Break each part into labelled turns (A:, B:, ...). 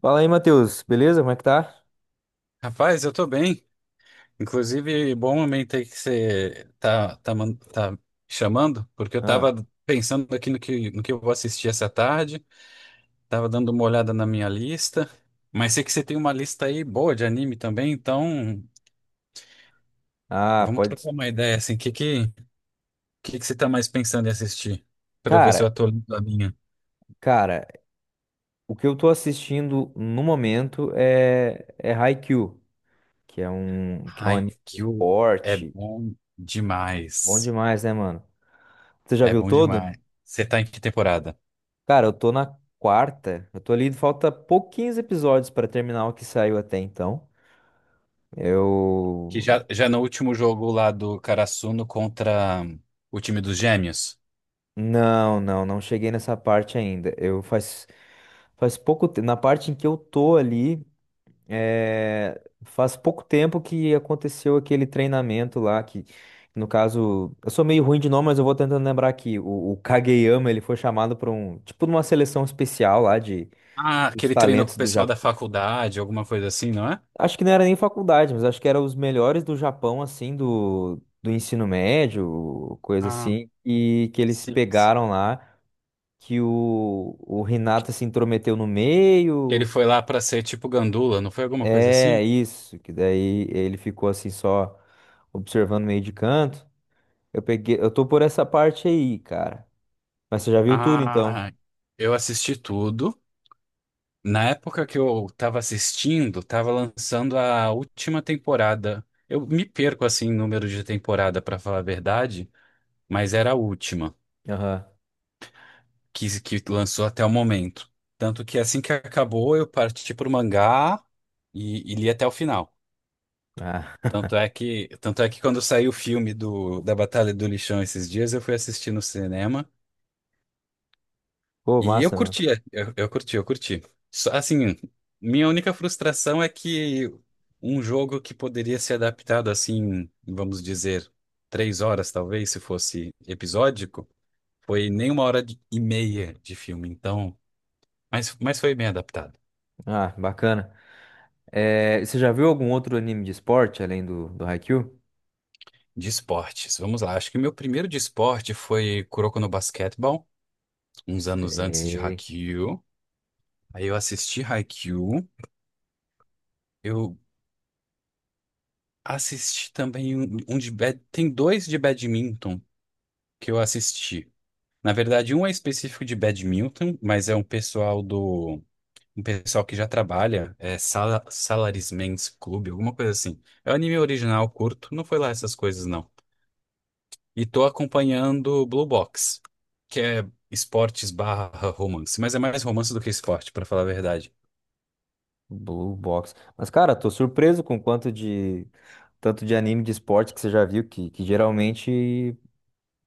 A: Fala aí, Matheus. Beleza? Como é que tá?
B: Rapaz, eu tô bem. Inclusive, bom momento aí que você tá chamando, porque eu
A: Ah,
B: tava pensando aqui no que eu vou assistir essa tarde, tava dando uma olhada na minha lista, mas sei que você tem uma lista aí boa de anime também, então
A: ah,
B: vamos
A: pode.
B: trocar uma ideia, assim, o que que você tá mais pensando em assistir? Pra ver se
A: Cara,
B: eu atualizo a minha.
A: cara, o que eu tô assistindo no momento é Haikyuu, que é um anime de
B: Haikyuu é
A: esporte.
B: bom
A: Bom
B: demais.
A: demais, né, mano? Você já
B: É
A: viu
B: bom
A: todo?
B: demais. Você tá em que temporada?
A: Cara, eu tô na quarta. Eu tô ali, falta pouquinhos episódios pra terminar o que saiu até então.
B: Que
A: Eu
B: já no último jogo lá do Karasuno contra o time dos Gêmeos.
A: não cheguei nessa parte ainda. Eu faz pouco tempo, na parte em que eu tô ali. É, faz pouco tempo que aconteceu aquele treinamento lá, que no caso, eu sou meio ruim de nome, mas eu vou tentando lembrar aqui. O Kageyama, ele foi chamado para um, tipo, numa seleção especial lá de
B: Ah, que
A: os
B: ele treinou com o
A: talentos do
B: pessoal da
A: Japão.
B: faculdade, alguma coisa assim, não é?
A: Acho que não era nem faculdade, mas acho que era os melhores do Japão, assim, do ensino médio, coisa
B: Ah,
A: assim, e que eles
B: sim.
A: pegaram lá, que o Hinata se intrometeu no
B: Que ele
A: meio.
B: foi lá pra ser tipo gandula, não foi alguma coisa assim?
A: É isso, que daí ele ficou assim só observando meio de canto. Eu peguei, eu tô por essa parte aí, cara. Mas você já viu tudo então?
B: Ah, eu assisti tudo. Na época que eu tava assistindo, tava lançando a última temporada. Eu me perco assim em número de temporada, pra falar a verdade, mas era a última.
A: Aham.
B: Que lançou até o momento. Tanto que assim que acabou, eu parti pro mangá e li até o final.
A: Ah,
B: Tanto é que quando saiu o filme do, da Batalha do Lixão esses dias, eu fui assistir no cinema
A: pô,
B: e eu
A: massa, mano.
B: curti, eu curti. Só, assim, minha única frustração é que um jogo que poderia ser adaptado assim, vamos dizer, três horas talvez, se fosse episódico, foi nem uma hora e meia de filme. Então, mas foi bem adaptado.
A: Ah, bacana. É, você já viu algum outro anime de esporte além do Haikyuu?
B: De esportes, vamos lá. Acho que o meu primeiro de esporte foi Kuroko no Basketball, uns anos antes de
A: Sei,
B: Haikyuu. Aí eu assisti Haikyuu. Eu assisti também um Tem dois de badminton que eu assisti. Na verdade, um é específico de badminton, mas é um pessoal do... Um pessoal que já trabalha, Salaryman's Club, alguma coisa assim. É um anime original, curto, não foi lá essas coisas, não. E tô acompanhando Blue Box, que é esportes barra romance, mas é mais romance do que esporte, pra falar a verdade.
A: Blue Box. Mas, cara, tô surpreso com quanto de tanto de anime de esporte que você já viu, que geralmente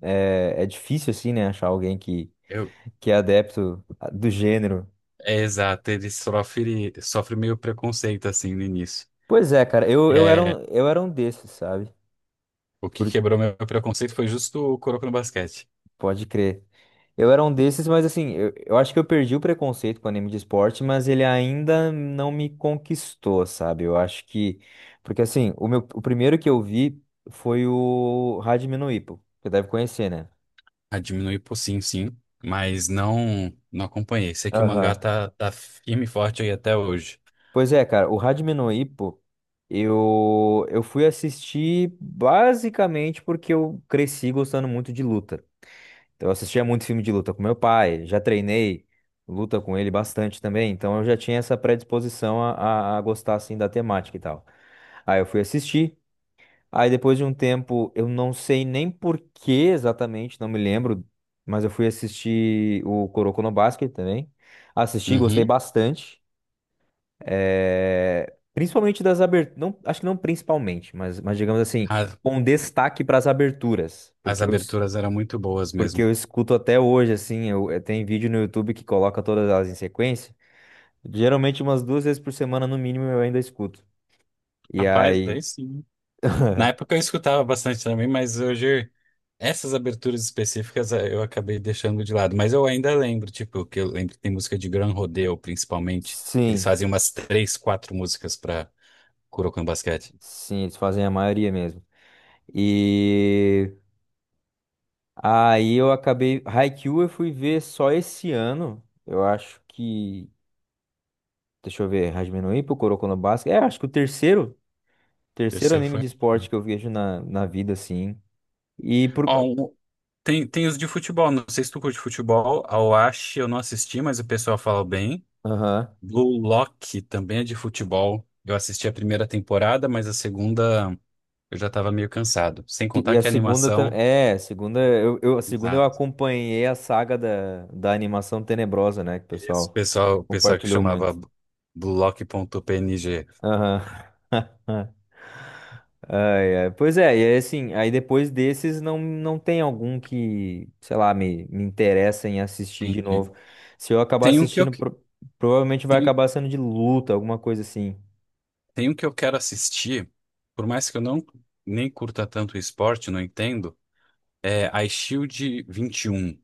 A: é difícil, assim, né, achar alguém que,
B: Eu...
A: que é adepto do gênero.
B: É exato, ele sofre, sofre meio preconceito assim no início.
A: Pois é, cara, eu, eu era
B: É,
A: um, eu era um desses, sabe?
B: o que
A: Por-
B: quebrou meu preconceito foi justo o Kuroko no Basquete.
A: pode crer. Eu era um desses, mas assim, eu acho que eu perdi o preconceito com anime de esporte, mas ele ainda não me conquistou, sabe? Eu acho que. Porque assim, o meu, o primeiro que eu vi foi o Hajime no Ippo. Você deve conhecer, né?
B: A diminuir por sim, sim, mas não acompanhei. Sei que o mangá
A: Aham.
B: tá firme e forte aí até hoje.
A: Pois é, cara, o Hajime no Ippo, eu fui assistir basicamente porque eu cresci gostando muito de luta. Então, eu assistia muito filme de luta com meu pai, já treinei luta com ele bastante também, então eu já tinha essa predisposição a gostar assim da temática e tal. Aí eu fui assistir, aí depois de um tempo, eu não sei nem por que exatamente, não me lembro, mas eu fui assistir o Kuroko no Basket também. Assisti, gostei
B: Uhum.
A: bastante. Principalmente das aberturas, não, acho que não principalmente, mas digamos assim,
B: A-
A: com destaque para as aberturas,
B: As
A: porque eu,
B: aberturas eram muito boas
A: porque
B: mesmo.
A: eu escuto até hoje, assim, tem vídeo no YouTube que coloca todas elas em sequência. Geralmente umas duas vezes por semana, no mínimo, eu ainda escuto. E
B: Rapaz,
A: aí,
B: aí sim. Na época eu escutava bastante também, mas hoje essas aberturas específicas eu acabei deixando de lado. Mas eu ainda lembro, tipo, que eu lembro que tem música de Gran Rodeo, principalmente, que eles
A: sim,
B: fazem umas três, quatro músicas pra Kurokan Basquete.
A: sim, eles fazem a maioria mesmo. E aí eu acabei. Haikyuu eu fui ver só esse ano. Eu acho que. Deixa eu ver, Hajime no Ippo, Kuroko no Basket. É, acho que o terceiro
B: Terceiro
A: anime
B: foi.
A: de esporte que eu vejo na vida, assim. E por.
B: Ó, um- tem os de futebol, não sei se tu curte futebol. A Oashi eu não assisti, mas o pessoal fala bem.
A: Aham.
B: Blue Lock também é de futebol. Eu assisti a primeira temporada, mas a segunda eu já estava meio cansado. Sem
A: E
B: contar
A: a
B: que a
A: segunda
B: animação.
A: também é, a segunda eu
B: Exato.
A: acompanhei a saga da animação tenebrosa, né, que o
B: Esse
A: pessoal
B: pessoal, o pessoal que
A: compartilhou
B: chamava
A: muito.
B: Blue lock Lock.png.
A: Aham. Ai, ai. Pois é, e aí, assim, aí depois desses não tem algum que, sei lá, me interessa em assistir de
B: Entendi.
A: novo. Se eu acabar
B: Tem um que eu,
A: assistindo,
B: que-
A: provavelmente vai
B: tem,
A: acabar sendo de luta, alguma coisa assim.
B: tem um que eu quero assistir, por mais que eu não nem curta tanto esporte, não entendo. É iShield 21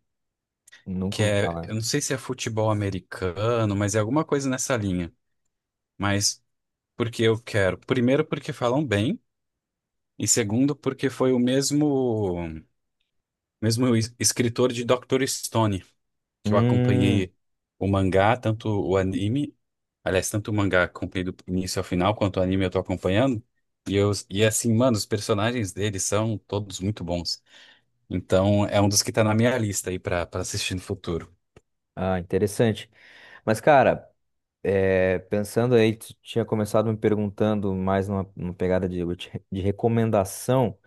A: Nunca
B: que
A: ouvi
B: é,
A: falar.
B: eu não sei se é futebol americano, mas é alguma coisa nessa linha. Mas porque eu quero. Primeiro, porque falam bem, e segundo, porque foi o mesmo escritor de Dr. Stone, que eu
A: Hum,
B: acompanhei o mangá, tanto o anime, aliás, tanto o mangá acompanhei do início ao final, quanto o anime eu tô acompanhando. E assim, mano, os personagens dele são todos muito bons. Então, é um dos que tá na minha lista aí pra assistir no futuro.
A: ah, interessante. Mas, cara, é, pensando aí, tu tinha começado me perguntando mais numa pegada de, recomendação.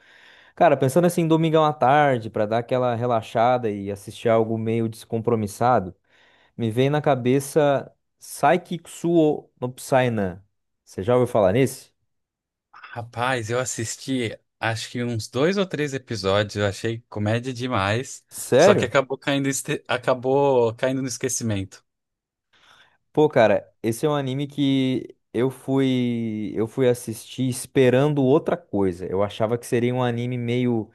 A: Cara, pensando assim, domingão à tarde, pra dar aquela relaxada e assistir algo meio descompromissado, me veio na cabeça Saikikusuo no Psyna. Você já ouviu falar nesse?
B: Rapaz, eu assisti acho que uns dois ou três episódios, eu achei comédia demais, só que
A: Sério?
B: acabou caindo, acabou caindo no esquecimento.
A: Pô, cara, esse é um anime que eu fui assistir esperando outra coisa. Eu achava que seria um anime meio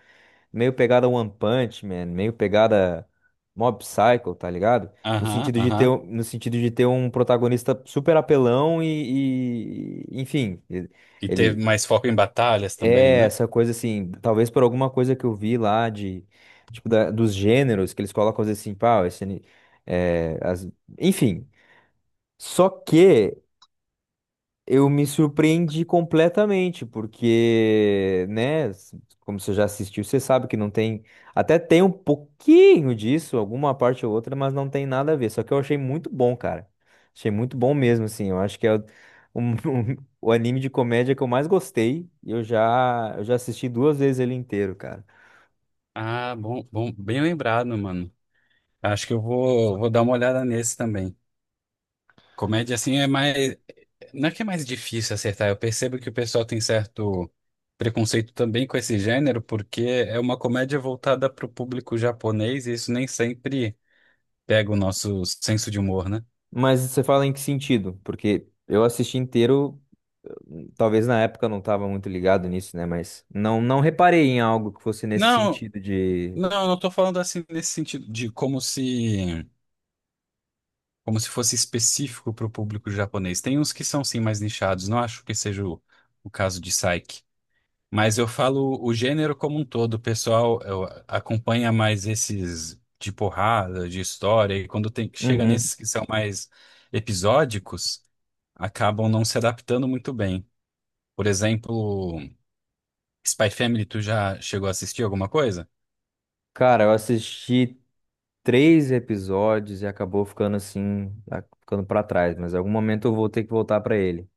A: meio pegada One Punch Man, meio pegada Mob Psycho, tá ligado? No
B: Aham,
A: sentido de ter,
B: aham.
A: um- no sentido de ter um protagonista super apelão e enfim, ele
B: E teve
A: ele
B: mais foco em batalhas também,
A: é
B: né?
A: essa coisa assim, talvez por alguma coisa que eu vi lá de tipo dos gêneros que eles colocam às vezes assim, pá, esse ani- é, as- enfim. Só que eu me surpreendi completamente, porque, né, como você já assistiu, você sabe que não tem, até tem um pouquinho disso, alguma parte ou outra, mas não tem nada a ver. Só que eu achei muito bom, cara. Achei muito bom mesmo, assim. Eu acho que é um- o anime de comédia que eu mais gostei e eu já assisti duas vezes ele inteiro, cara.
B: Ah, bom, bom, bem lembrado, mano. Acho que eu vou dar uma olhada nesse também. Comédia assim é mais, não é que é mais difícil acertar, eu percebo que o pessoal tem certo preconceito também com esse gênero, porque é uma comédia voltada para o público japonês e isso nem sempre pega o nosso senso de humor, né?
A: Mas você fala em que sentido? Porque eu assisti inteiro. Talvez na época eu não estava muito ligado nisso, né? Mas não, não reparei em algo que fosse nesse
B: Não,
A: sentido de.
B: não tô falando assim nesse sentido de como se fosse específico para o público japonês. Tem uns que são sim mais nichados, não acho que seja o caso de Psyche. Mas eu falo o gênero como um todo, o pessoal acompanha mais esses de porrada, de história, e quando tem, chega
A: Uhum.
B: nesses que são mais episódicos, acabam não se adaptando muito bem. Por exemplo, Spy Family, tu já chegou a assistir alguma coisa?
A: Cara, eu assisti três episódios e acabou ficando assim, ficando pra trás, mas em algum momento eu vou ter que voltar pra ele.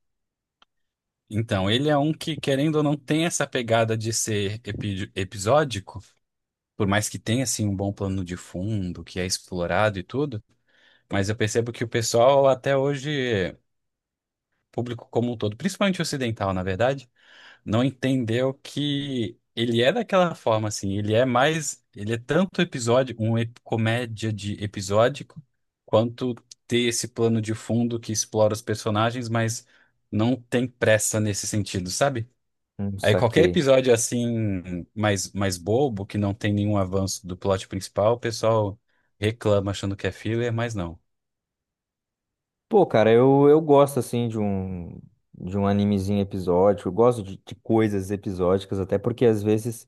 B: Então, ele é um que, querendo ou não, tem essa pegada de ser episódico, por mais que tenha, assim, um bom plano de fundo, que é explorado e tudo, mas eu percebo que o pessoal, até hoje, público como um todo, principalmente ocidental, na verdade, não entendeu que ele é daquela forma, assim, ele é mais, ele é tanto episódio, comédia de episódico, quanto ter esse plano de fundo que explora os personagens, mas não tem pressa nesse sentido, sabe? Aí qualquer
A: Saquei.
B: episódio assim, mais bobo, que não tem nenhum avanço do plot principal, o pessoal reclama achando que é filler, mas não.
A: Pô, cara, eu gosto assim de um animezinho episódico, eu gosto de coisas episódicas, até porque às vezes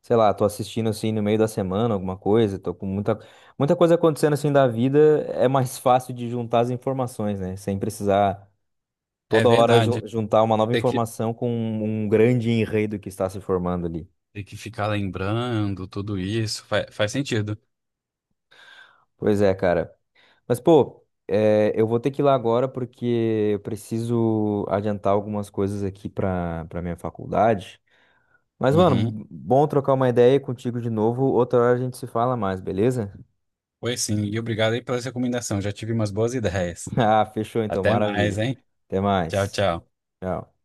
A: sei lá, tô assistindo assim no meio da semana alguma coisa, tô com muita, muita coisa acontecendo assim da vida, é mais fácil de juntar as informações, né? Sem precisar
B: É
A: toda hora
B: verdade.
A: juntar uma nova
B: Tem que,
A: informação com um grande enredo que está se formando ali.
B: tem que ficar lembrando tudo isso. Faz sentido.
A: Pois é, cara. Mas, pô, é, eu vou ter que ir lá agora porque eu preciso adiantar algumas coisas aqui pra minha faculdade. Mas,
B: Uhum.
A: mano, bom trocar uma ideia contigo de novo. Outra hora a gente se fala mais, beleza?
B: Pois sim. E obrigado aí pela recomendação. Já tive umas boas ideias.
A: Ah, fechou então,
B: Até mais,
A: maravilha.
B: hein?
A: Até
B: Tchau,
A: mais.
B: tchau.
A: Tchau.